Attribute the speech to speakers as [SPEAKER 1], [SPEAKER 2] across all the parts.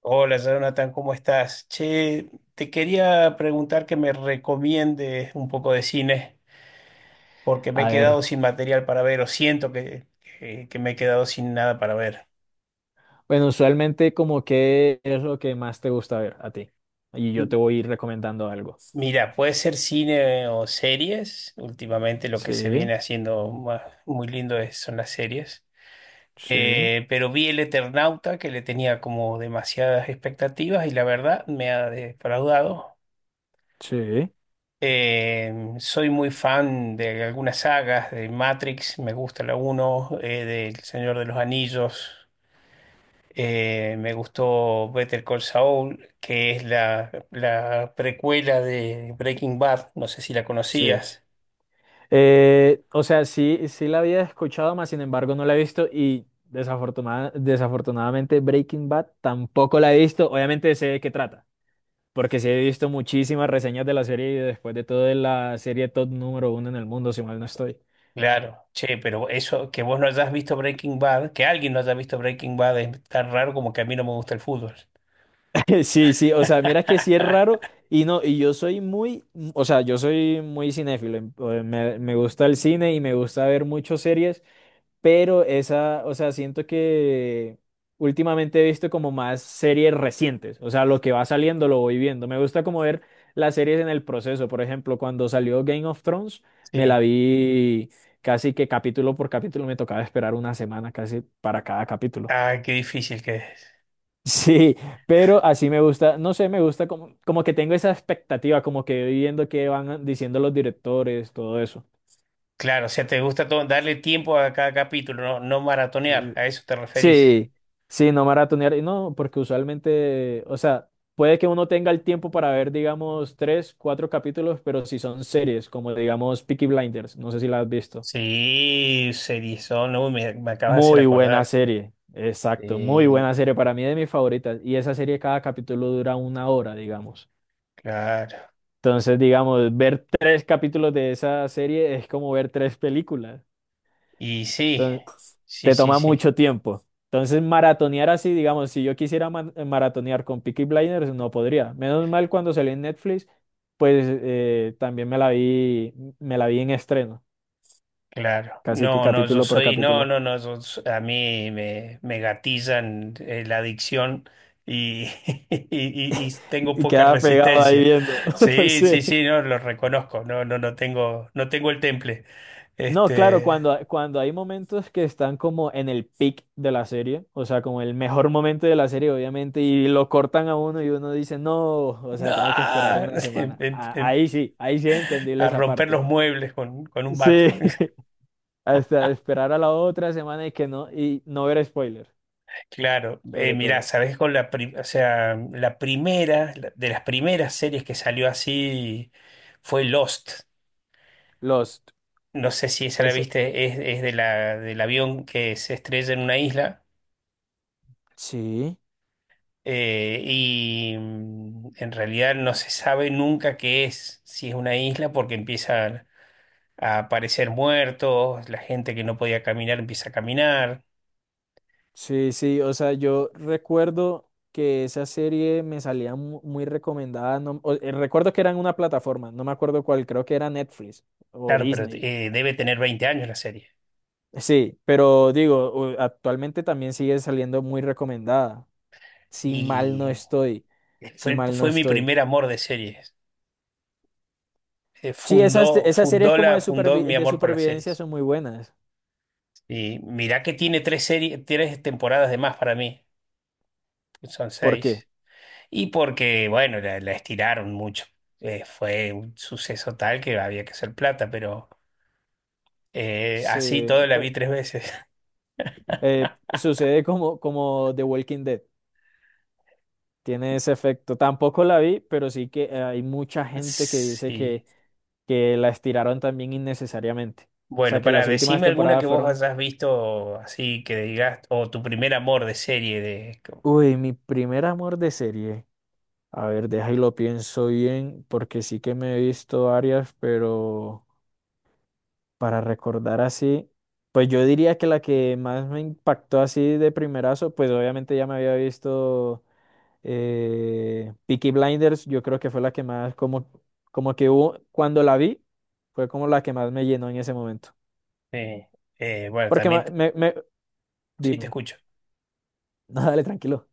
[SPEAKER 1] Hola, Jonathan, ¿cómo estás? Che, te quería preguntar que me recomiendes un poco de cine, porque me he
[SPEAKER 2] A ver,
[SPEAKER 1] quedado sin material para ver, o siento que, que me he quedado sin nada para ver.
[SPEAKER 2] bueno, usualmente como qué es lo que más te gusta ver a ti. Y yo
[SPEAKER 1] M-
[SPEAKER 2] te voy a ir recomendando algo.
[SPEAKER 1] Mira, puede ser cine o series. Últimamente lo que se
[SPEAKER 2] Sí,
[SPEAKER 1] viene haciendo más, muy lindo son las series.
[SPEAKER 2] sí,
[SPEAKER 1] Pero vi El Eternauta, que le tenía como demasiadas expectativas y la verdad me ha defraudado.
[SPEAKER 2] sí,
[SPEAKER 1] Soy muy fan de algunas sagas, de Matrix, me gusta la uno del Señor de los Anillos, me gustó Better Call Saul, que es la precuela de Breaking Bad, no sé si la
[SPEAKER 2] sí.
[SPEAKER 1] conocías.
[SPEAKER 2] O sea, sí, sí la había escuchado, más sin embargo no la he visto y desafortunadamente Breaking Bad tampoco la he visto. Obviamente sé de qué trata, porque sí he visto muchísimas reseñas de la serie y después de todo es la serie top número uno en el mundo, si mal no estoy.
[SPEAKER 1] Claro. Claro, che, pero eso, que vos no hayas visto Breaking Bad, que alguien no haya visto Breaking Bad es tan raro como que a mí no me gusta el fútbol.
[SPEAKER 2] Sí, sí, o sea, mira que sí es raro y no, y yo soy muy, o sea, yo soy muy cinéfilo, me gusta el cine y me gusta ver muchas series, pero esa, o sea, siento que últimamente he visto como más series recientes, o sea, lo que va saliendo lo voy viendo, me gusta como ver las series en el proceso, por ejemplo, cuando salió Game of Thrones, me la
[SPEAKER 1] Sí,
[SPEAKER 2] vi casi que capítulo por capítulo, me tocaba esperar una semana casi para cada capítulo.
[SPEAKER 1] ah, qué difícil que es.
[SPEAKER 2] Sí, pero así me gusta, no sé, me gusta como, como que tengo esa expectativa, como que viendo qué van diciendo los directores, todo eso.
[SPEAKER 1] Claro, o sea, te gusta darle tiempo a cada capítulo, no, no maratonear,
[SPEAKER 2] Eh,
[SPEAKER 1] a eso te referís.
[SPEAKER 2] Sí, sí, no maratonear, y no, porque usualmente, o sea, puede que uno tenga el tiempo para ver, digamos, tres, cuatro capítulos, pero si son series, como digamos Peaky Blinders, no sé si la has visto.
[SPEAKER 1] Sí, Seriezón, uy, me acabas de hacer
[SPEAKER 2] Muy buena
[SPEAKER 1] acordar.
[SPEAKER 2] serie, exacto, muy
[SPEAKER 1] Sí,
[SPEAKER 2] buena serie, para mí de mis favoritas, y esa serie cada capítulo dura una hora, digamos.
[SPEAKER 1] claro.
[SPEAKER 2] Entonces, digamos, ver tres capítulos de esa serie es como ver tres películas.
[SPEAKER 1] Y sí,
[SPEAKER 2] Entonces,
[SPEAKER 1] sí,
[SPEAKER 2] te
[SPEAKER 1] sí,
[SPEAKER 2] toma
[SPEAKER 1] sí,
[SPEAKER 2] mucho tiempo. Entonces, maratonear así, digamos, si yo quisiera maratonear con Peaky Blinders, no podría. Menos mal cuando salió en Netflix, pues también me la vi en estreno,
[SPEAKER 1] claro.
[SPEAKER 2] casi que
[SPEAKER 1] No, no, yo
[SPEAKER 2] capítulo por
[SPEAKER 1] soy, no,
[SPEAKER 2] capítulo.
[SPEAKER 1] no, no, a mí me gatillan la adicción y, y tengo
[SPEAKER 2] Y
[SPEAKER 1] poca
[SPEAKER 2] quedaba pegado ahí
[SPEAKER 1] resistencia.
[SPEAKER 2] viendo.
[SPEAKER 1] Sí, sí,
[SPEAKER 2] Sí.
[SPEAKER 1] sí, no, lo reconozco, no, no, no tengo, no tengo el temple.
[SPEAKER 2] No, claro,
[SPEAKER 1] Este.
[SPEAKER 2] cuando hay momentos que están como en el peak de la serie, o sea, como el mejor momento de la serie, obviamente, y lo cortan a uno y uno dice, no, o sea, tengo que esperar
[SPEAKER 1] Ah,
[SPEAKER 2] una
[SPEAKER 1] en-
[SPEAKER 2] semana.
[SPEAKER 1] en- en-
[SPEAKER 2] Ahí sí, ahí sí es entendible
[SPEAKER 1] a
[SPEAKER 2] esa
[SPEAKER 1] romper
[SPEAKER 2] parte.
[SPEAKER 1] los muebles con un
[SPEAKER 2] Sí,
[SPEAKER 1] bate.
[SPEAKER 2] hasta esperar a la otra semana y que no, y no ver spoilers,
[SPEAKER 1] Claro,
[SPEAKER 2] sobre
[SPEAKER 1] mirá,
[SPEAKER 2] todo.
[SPEAKER 1] sabes o sea, la primera, de las primeras series que salió así fue Lost.
[SPEAKER 2] Lost.
[SPEAKER 1] No sé si esa la
[SPEAKER 2] Es,
[SPEAKER 1] viste, es de la, del avión que se estrella en una isla
[SPEAKER 2] sí.
[SPEAKER 1] y en realidad no se sabe nunca qué es, si es una isla, porque empiezan a aparecer muertos, la gente que no podía caminar empieza a caminar.
[SPEAKER 2] Sí, sí, o sea, yo recuerdo que esa serie me salía muy recomendada. No, o- Recuerdo que era en una plataforma, no me acuerdo cuál, creo que era Netflix o
[SPEAKER 1] Claro, pero
[SPEAKER 2] Disney.
[SPEAKER 1] debe tener 20 años la serie.
[SPEAKER 2] Sí, pero digo, actualmente también sigue saliendo muy recomendada. Si mal no
[SPEAKER 1] Y
[SPEAKER 2] estoy, si mal no
[SPEAKER 1] fue mi
[SPEAKER 2] estoy.
[SPEAKER 1] primer amor de series.
[SPEAKER 2] Sí,
[SPEAKER 1] Fundó,
[SPEAKER 2] esas series como
[SPEAKER 1] fundó mi
[SPEAKER 2] de
[SPEAKER 1] amor por las
[SPEAKER 2] supervivencia
[SPEAKER 1] series.
[SPEAKER 2] son muy buenas.
[SPEAKER 1] Y mirá que tiene tres series, tres temporadas de más para mí. Son
[SPEAKER 2] ¿Por qué?
[SPEAKER 1] seis. Porque, bueno, la estiraron mucho. Fue un suceso tal que había que hacer plata, pero así
[SPEAKER 2] Sí,
[SPEAKER 1] todo la vi
[SPEAKER 2] pues
[SPEAKER 1] tres veces.
[SPEAKER 2] sucede como, como The Walking Dead. Tiene ese efecto. Tampoco la vi, pero sí que hay mucha gente que dice
[SPEAKER 1] Sí.
[SPEAKER 2] que la estiraron también innecesariamente. O sea,
[SPEAKER 1] Bueno,
[SPEAKER 2] que
[SPEAKER 1] para
[SPEAKER 2] las últimas
[SPEAKER 1] decime alguna que
[SPEAKER 2] temporadas
[SPEAKER 1] vos
[SPEAKER 2] fueron,
[SPEAKER 1] hayas visto así que digas, o tu primer amor de serie de.
[SPEAKER 2] uy, mi primer amor de serie. A ver, deja y lo pienso bien, porque sí que me he visto varias, pero para recordar así, pues yo diría que la que más me impactó así de primerazo, pues obviamente ya me había visto. Peaky Blinders, yo creo que fue la que más, como, como que hubo, cuando la vi, fue como la que más me llenó en ese momento.
[SPEAKER 1] Sí. Bueno,
[SPEAKER 2] Porque
[SPEAKER 1] también, sí, te
[SPEAKER 2] dime,
[SPEAKER 1] escucho.
[SPEAKER 2] no, dale, tranquilo.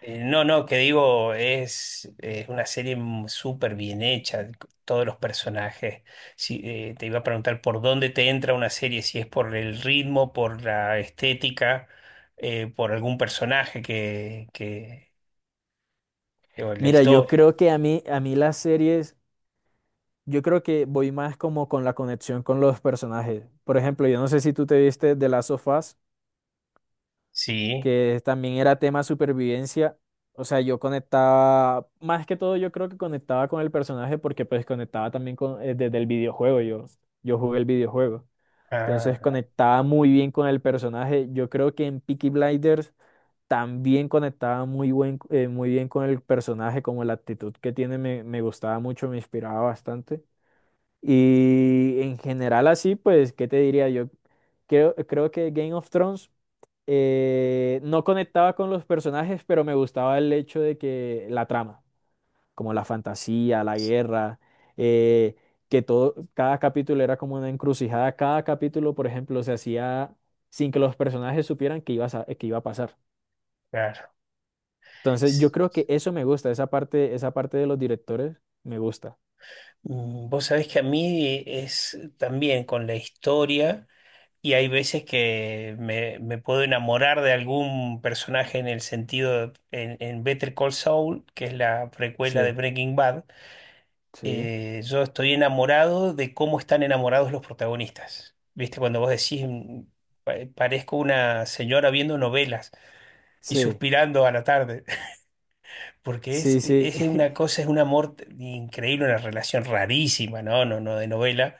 [SPEAKER 1] No, no, que digo, es una serie súper bien hecha, todos los personajes. Si te iba a preguntar por dónde te entra una serie, si es por el ritmo, por la estética, por algún personaje o la
[SPEAKER 2] Mira, yo
[SPEAKER 1] historia.
[SPEAKER 2] creo que a mí las series, yo creo que voy más como con la conexión con los personajes. Por ejemplo, yo no sé si tú te viste de las Last of Us,
[SPEAKER 1] Sí,
[SPEAKER 2] que también era tema supervivencia. O sea, yo conectaba, más que todo yo creo que conectaba con el personaje porque pues conectaba también con, desde el videojuego, yo jugué el videojuego. Entonces
[SPEAKER 1] ah,
[SPEAKER 2] conectaba muy bien con el personaje. Yo creo que en Peaky Blinders también conectaba muy bien con el personaje, como la actitud que tiene me gustaba mucho, me inspiraba bastante. Y en general así, pues, ¿qué te diría yo? Creo que Game of Thrones no conectaba con los personajes, pero me gustaba el hecho de que la trama, como la fantasía, la guerra, eh, que todo, cada capítulo era como una encrucijada, cada capítulo, por ejemplo, se hacía sin que los personajes supieran que iba a, que iba a pasar.
[SPEAKER 1] claro.
[SPEAKER 2] Entonces, yo
[SPEAKER 1] S-
[SPEAKER 2] creo que eso me gusta, esa parte de los directores me gusta.
[SPEAKER 1] Vos sabés que a mí es también con la historia. Y hay veces que me puedo enamorar de algún personaje en el sentido, en Better Call Saul, que es la precuela de
[SPEAKER 2] Sí,
[SPEAKER 1] Breaking Bad,
[SPEAKER 2] sí,
[SPEAKER 1] yo estoy enamorado de cómo están enamorados los protagonistas. ¿Viste? Cuando vos decís, parezco una señora viendo novelas y
[SPEAKER 2] sí,
[SPEAKER 1] suspirando a la tarde, porque
[SPEAKER 2] sí, sí.
[SPEAKER 1] es una cosa, es un amor increíble, una relación rarísima, ¿no? No, no de novela,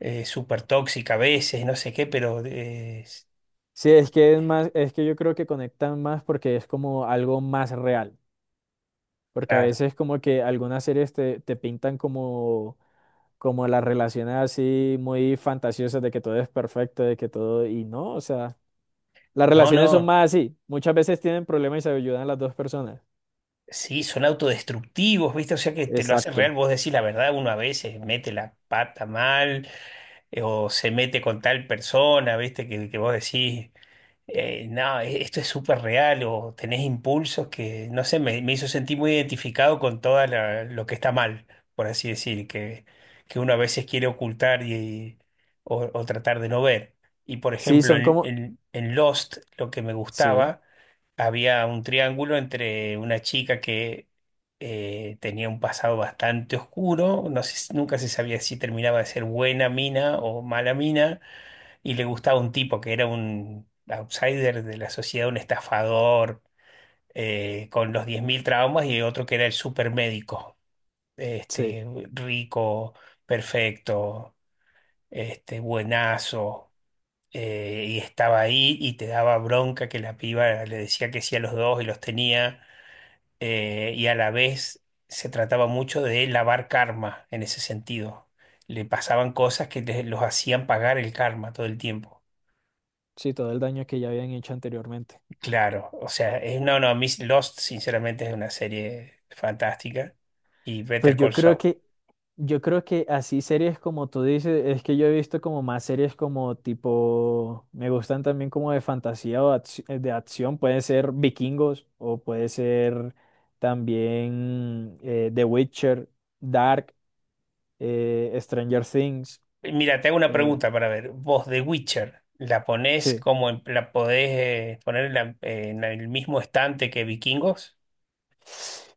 [SPEAKER 1] súper tóxica a veces, no sé qué, pero
[SPEAKER 2] Sí,
[SPEAKER 1] eh,
[SPEAKER 2] es que es más, es que yo creo que conectan más porque es como algo más real. Porque a
[SPEAKER 1] claro.
[SPEAKER 2] veces como que algunas series te, te pintan como, como las relaciones así muy fantasiosas de que todo es perfecto, de que todo, y no, o sea, las
[SPEAKER 1] No,
[SPEAKER 2] relaciones son
[SPEAKER 1] no,
[SPEAKER 2] más así. Muchas veces tienen problemas y se ayudan las dos personas.
[SPEAKER 1] sí, son autodestructivos, ¿viste? O sea que te lo hace real,
[SPEAKER 2] Exacto.
[SPEAKER 1] vos decís la verdad, uno a veces mete la pata mal o se mete con tal persona, ¿viste? Que vos decís, no, esto es súper real o tenés impulsos que, no sé, me hizo sentir muy identificado con todo lo que está mal, por así decir, que uno a veces quiere ocultar y, o tratar de no ver. Y por
[SPEAKER 2] Sí,
[SPEAKER 1] ejemplo,
[SPEAKER 2] son como,
[SPEAKER 1] en Lost, lo que me
[SPEAKER 2] sí,
[SPEAKER 1] gustaba había un triángulo entre una chica que tenía un pasado bastante oscuro, nunca se sabía si terminaba de ser buena mina o mala mina, y le gustaba un tipo que era un outsider de la sociedad, un estafador con los 10.000 traumas, y otro que era el supermédico,
[SPEAKER 2] sí,
[SPEAKER 1] este, rico, perfecto, este, buenazo, y estaba ahí y te daba bronca que la piba le decía que sí a los dos y los tenía y a la vez se trataba mucho de lavar karma en ese sentido. Le pasaban cosas que los hacían pagar el karma todo el tiempo.
[SPEAKER 2] sí, todo el daño que ya habían hecho anteriormente.
[SPEAKER 1] Claro, o sea, no, no, a mí Lost sinceramente es una serie fantástica y
[SPEAKER 2] Pues
[SPEAKER 1] Better Call Saul.
[SPEAKER 2] yo creo que así series como tú dices, es que yo he visto como más series como tipo, me gustan también como de fantasía o de acción, puede ser Vikingos o puede ser también The Witcher, Dark, Stranger Things,
[SPEAKER 1] Mira, te hago una
[SPEAKER 2] eh,
[SPEAKER 1] pregunta para ver. Vos, The Witcher, ¿la ponés
[SPEAKER 2] sí.
[SPEAKER 1] como la podés poner en, en el mismo estante que Vikingos?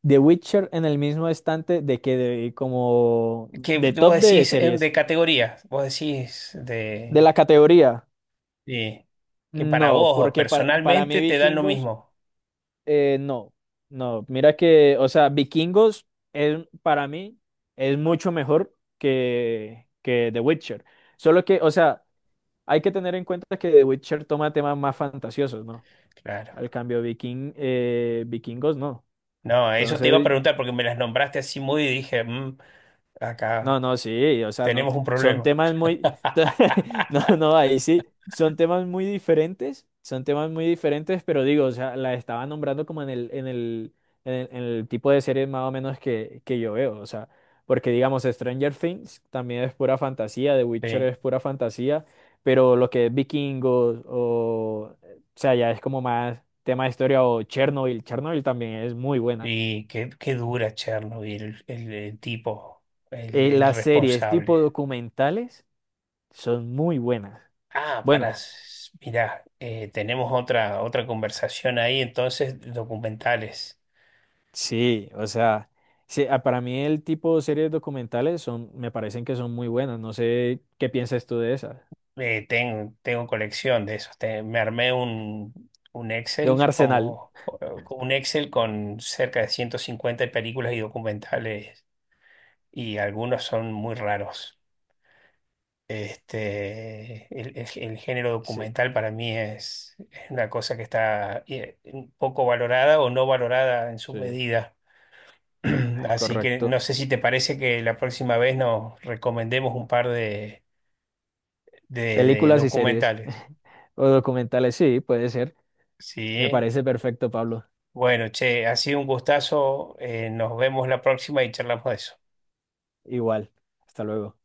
[SPEAKER 2] The Witcher en el mismo estante de como
[SPEAKER 1] Que
[SPEAKER 2] de
[SPEAKER 1] vos
[SPEAKER 2] top de
[SPEAKER 1] decís de
[SPEAKER 2] series,
[SPEAKER 1] categoría, vos decís
[SPEAKER 2] de
[SPEAKER 1] de...
[SPEAKER 2] la categoría.
[SPEAKER 1] Sí, que para
[SPEAKER 2] No,
[SPEAKER 1] vos
[SPEAKER 2] porque para mí
[SPEAKER 1] personalmente te dan lo
[SPEAKER 2] Vikingos...
[SPEAKER 1] mismo.
[SPEAKER 2] No, no, mira que, o sea, Vikingos es, para mí es mucho mejor que The Witcher. Solo que, o sea, hay que tener en cuenta que The Witcher toma temas más fantasiosos, ¿no?
[SPEAKER 1] Claro.
[SPEAKER 2] Al cambio, Vikingos no.
[SPEAKER 1] No, eso te iba a
[SPEAKER 2] Entonces,
[SPEAKER 1] preguntar porque me las nombraste así muy y dije, "Mm,
[SPEAKER 2] no,
[SPEAKER 1] acá
[SPEAKER 2] no, sí, o sea, no,
[SPEAKER 1] tenemos un
[SPEAKER 2] son
[SPEAKER 1] problema".
[SPEAKER 2] temas muy, no, no, ahí sí, son temas muy diferentes, son temas muy diferentes, pero digo, o sea, la estaba nombrando como en el tipo de series más o menos que yo veo, o sea, porque digamos, Stranger Things también es pura fantasía, The
[SPEAKER 1] Sí.
[SPEAKER 2] Witcher es pura fantasía, pero lo que es Vikingos o sea, ya es como más tema de historia o Chernobyl, Chernobyl también es muy buena.
[SPEAKER 1] Y qué dura Chernobyl, el tipo, el
[SPEAKER 2] Las series tipo
[SPEAKER 1] responsable.
[SPEAKER 2] documentales. Son muy buenas.
[SPEAKER 1] Ah, pará,
[SPEAKER 2] Bueno,
[SPEAKER 1] mirá, tenemos otra, otra conversación ahí, entonces, documentales.
[SPEAKER 2] sí, o sea, sí, ah, para mí el tipo de series documentales son, me parecen que son muy buenas. No sé qué piensas tú de esas.
[SPEAKER 1] Tengo colección de esos. Me armé un
[SPEAKER 2] De un
[SPEAKER 1] Excel
[SPEAKER 2] Arsenal.
[SPEAKER 1] un Excel con cerca de 150 películas y documentales y algunos son muy raros. Este, el género
[SPEAKER 2] Sí,
[SPEAKER 1] documental para mí es una cosa que está un poco valorada o no valorada en su
[SPEAKER 2] sí,
[SPEAKER 1] medida. Así que no
[SPEAKER 2] correcto.
[SPEAKER 1] sé si te parece que la próxima vez nos recomendemos un par de, de
[SPEAKER 2] Películas y series
[SPEAKER 1] documentales.
[SPEAKER 2] o documentales, sí, puede ser. Me
[SPEAKER 1] Sí.
[SPEAKER 2] parece perfecto, Pablo.
[SPEAKER 1] Bueno, che, ha sido un gustazo. Nos vemos la próxima y charlamos de eso.
[SPEAKER 2] Igual. Hasta luego.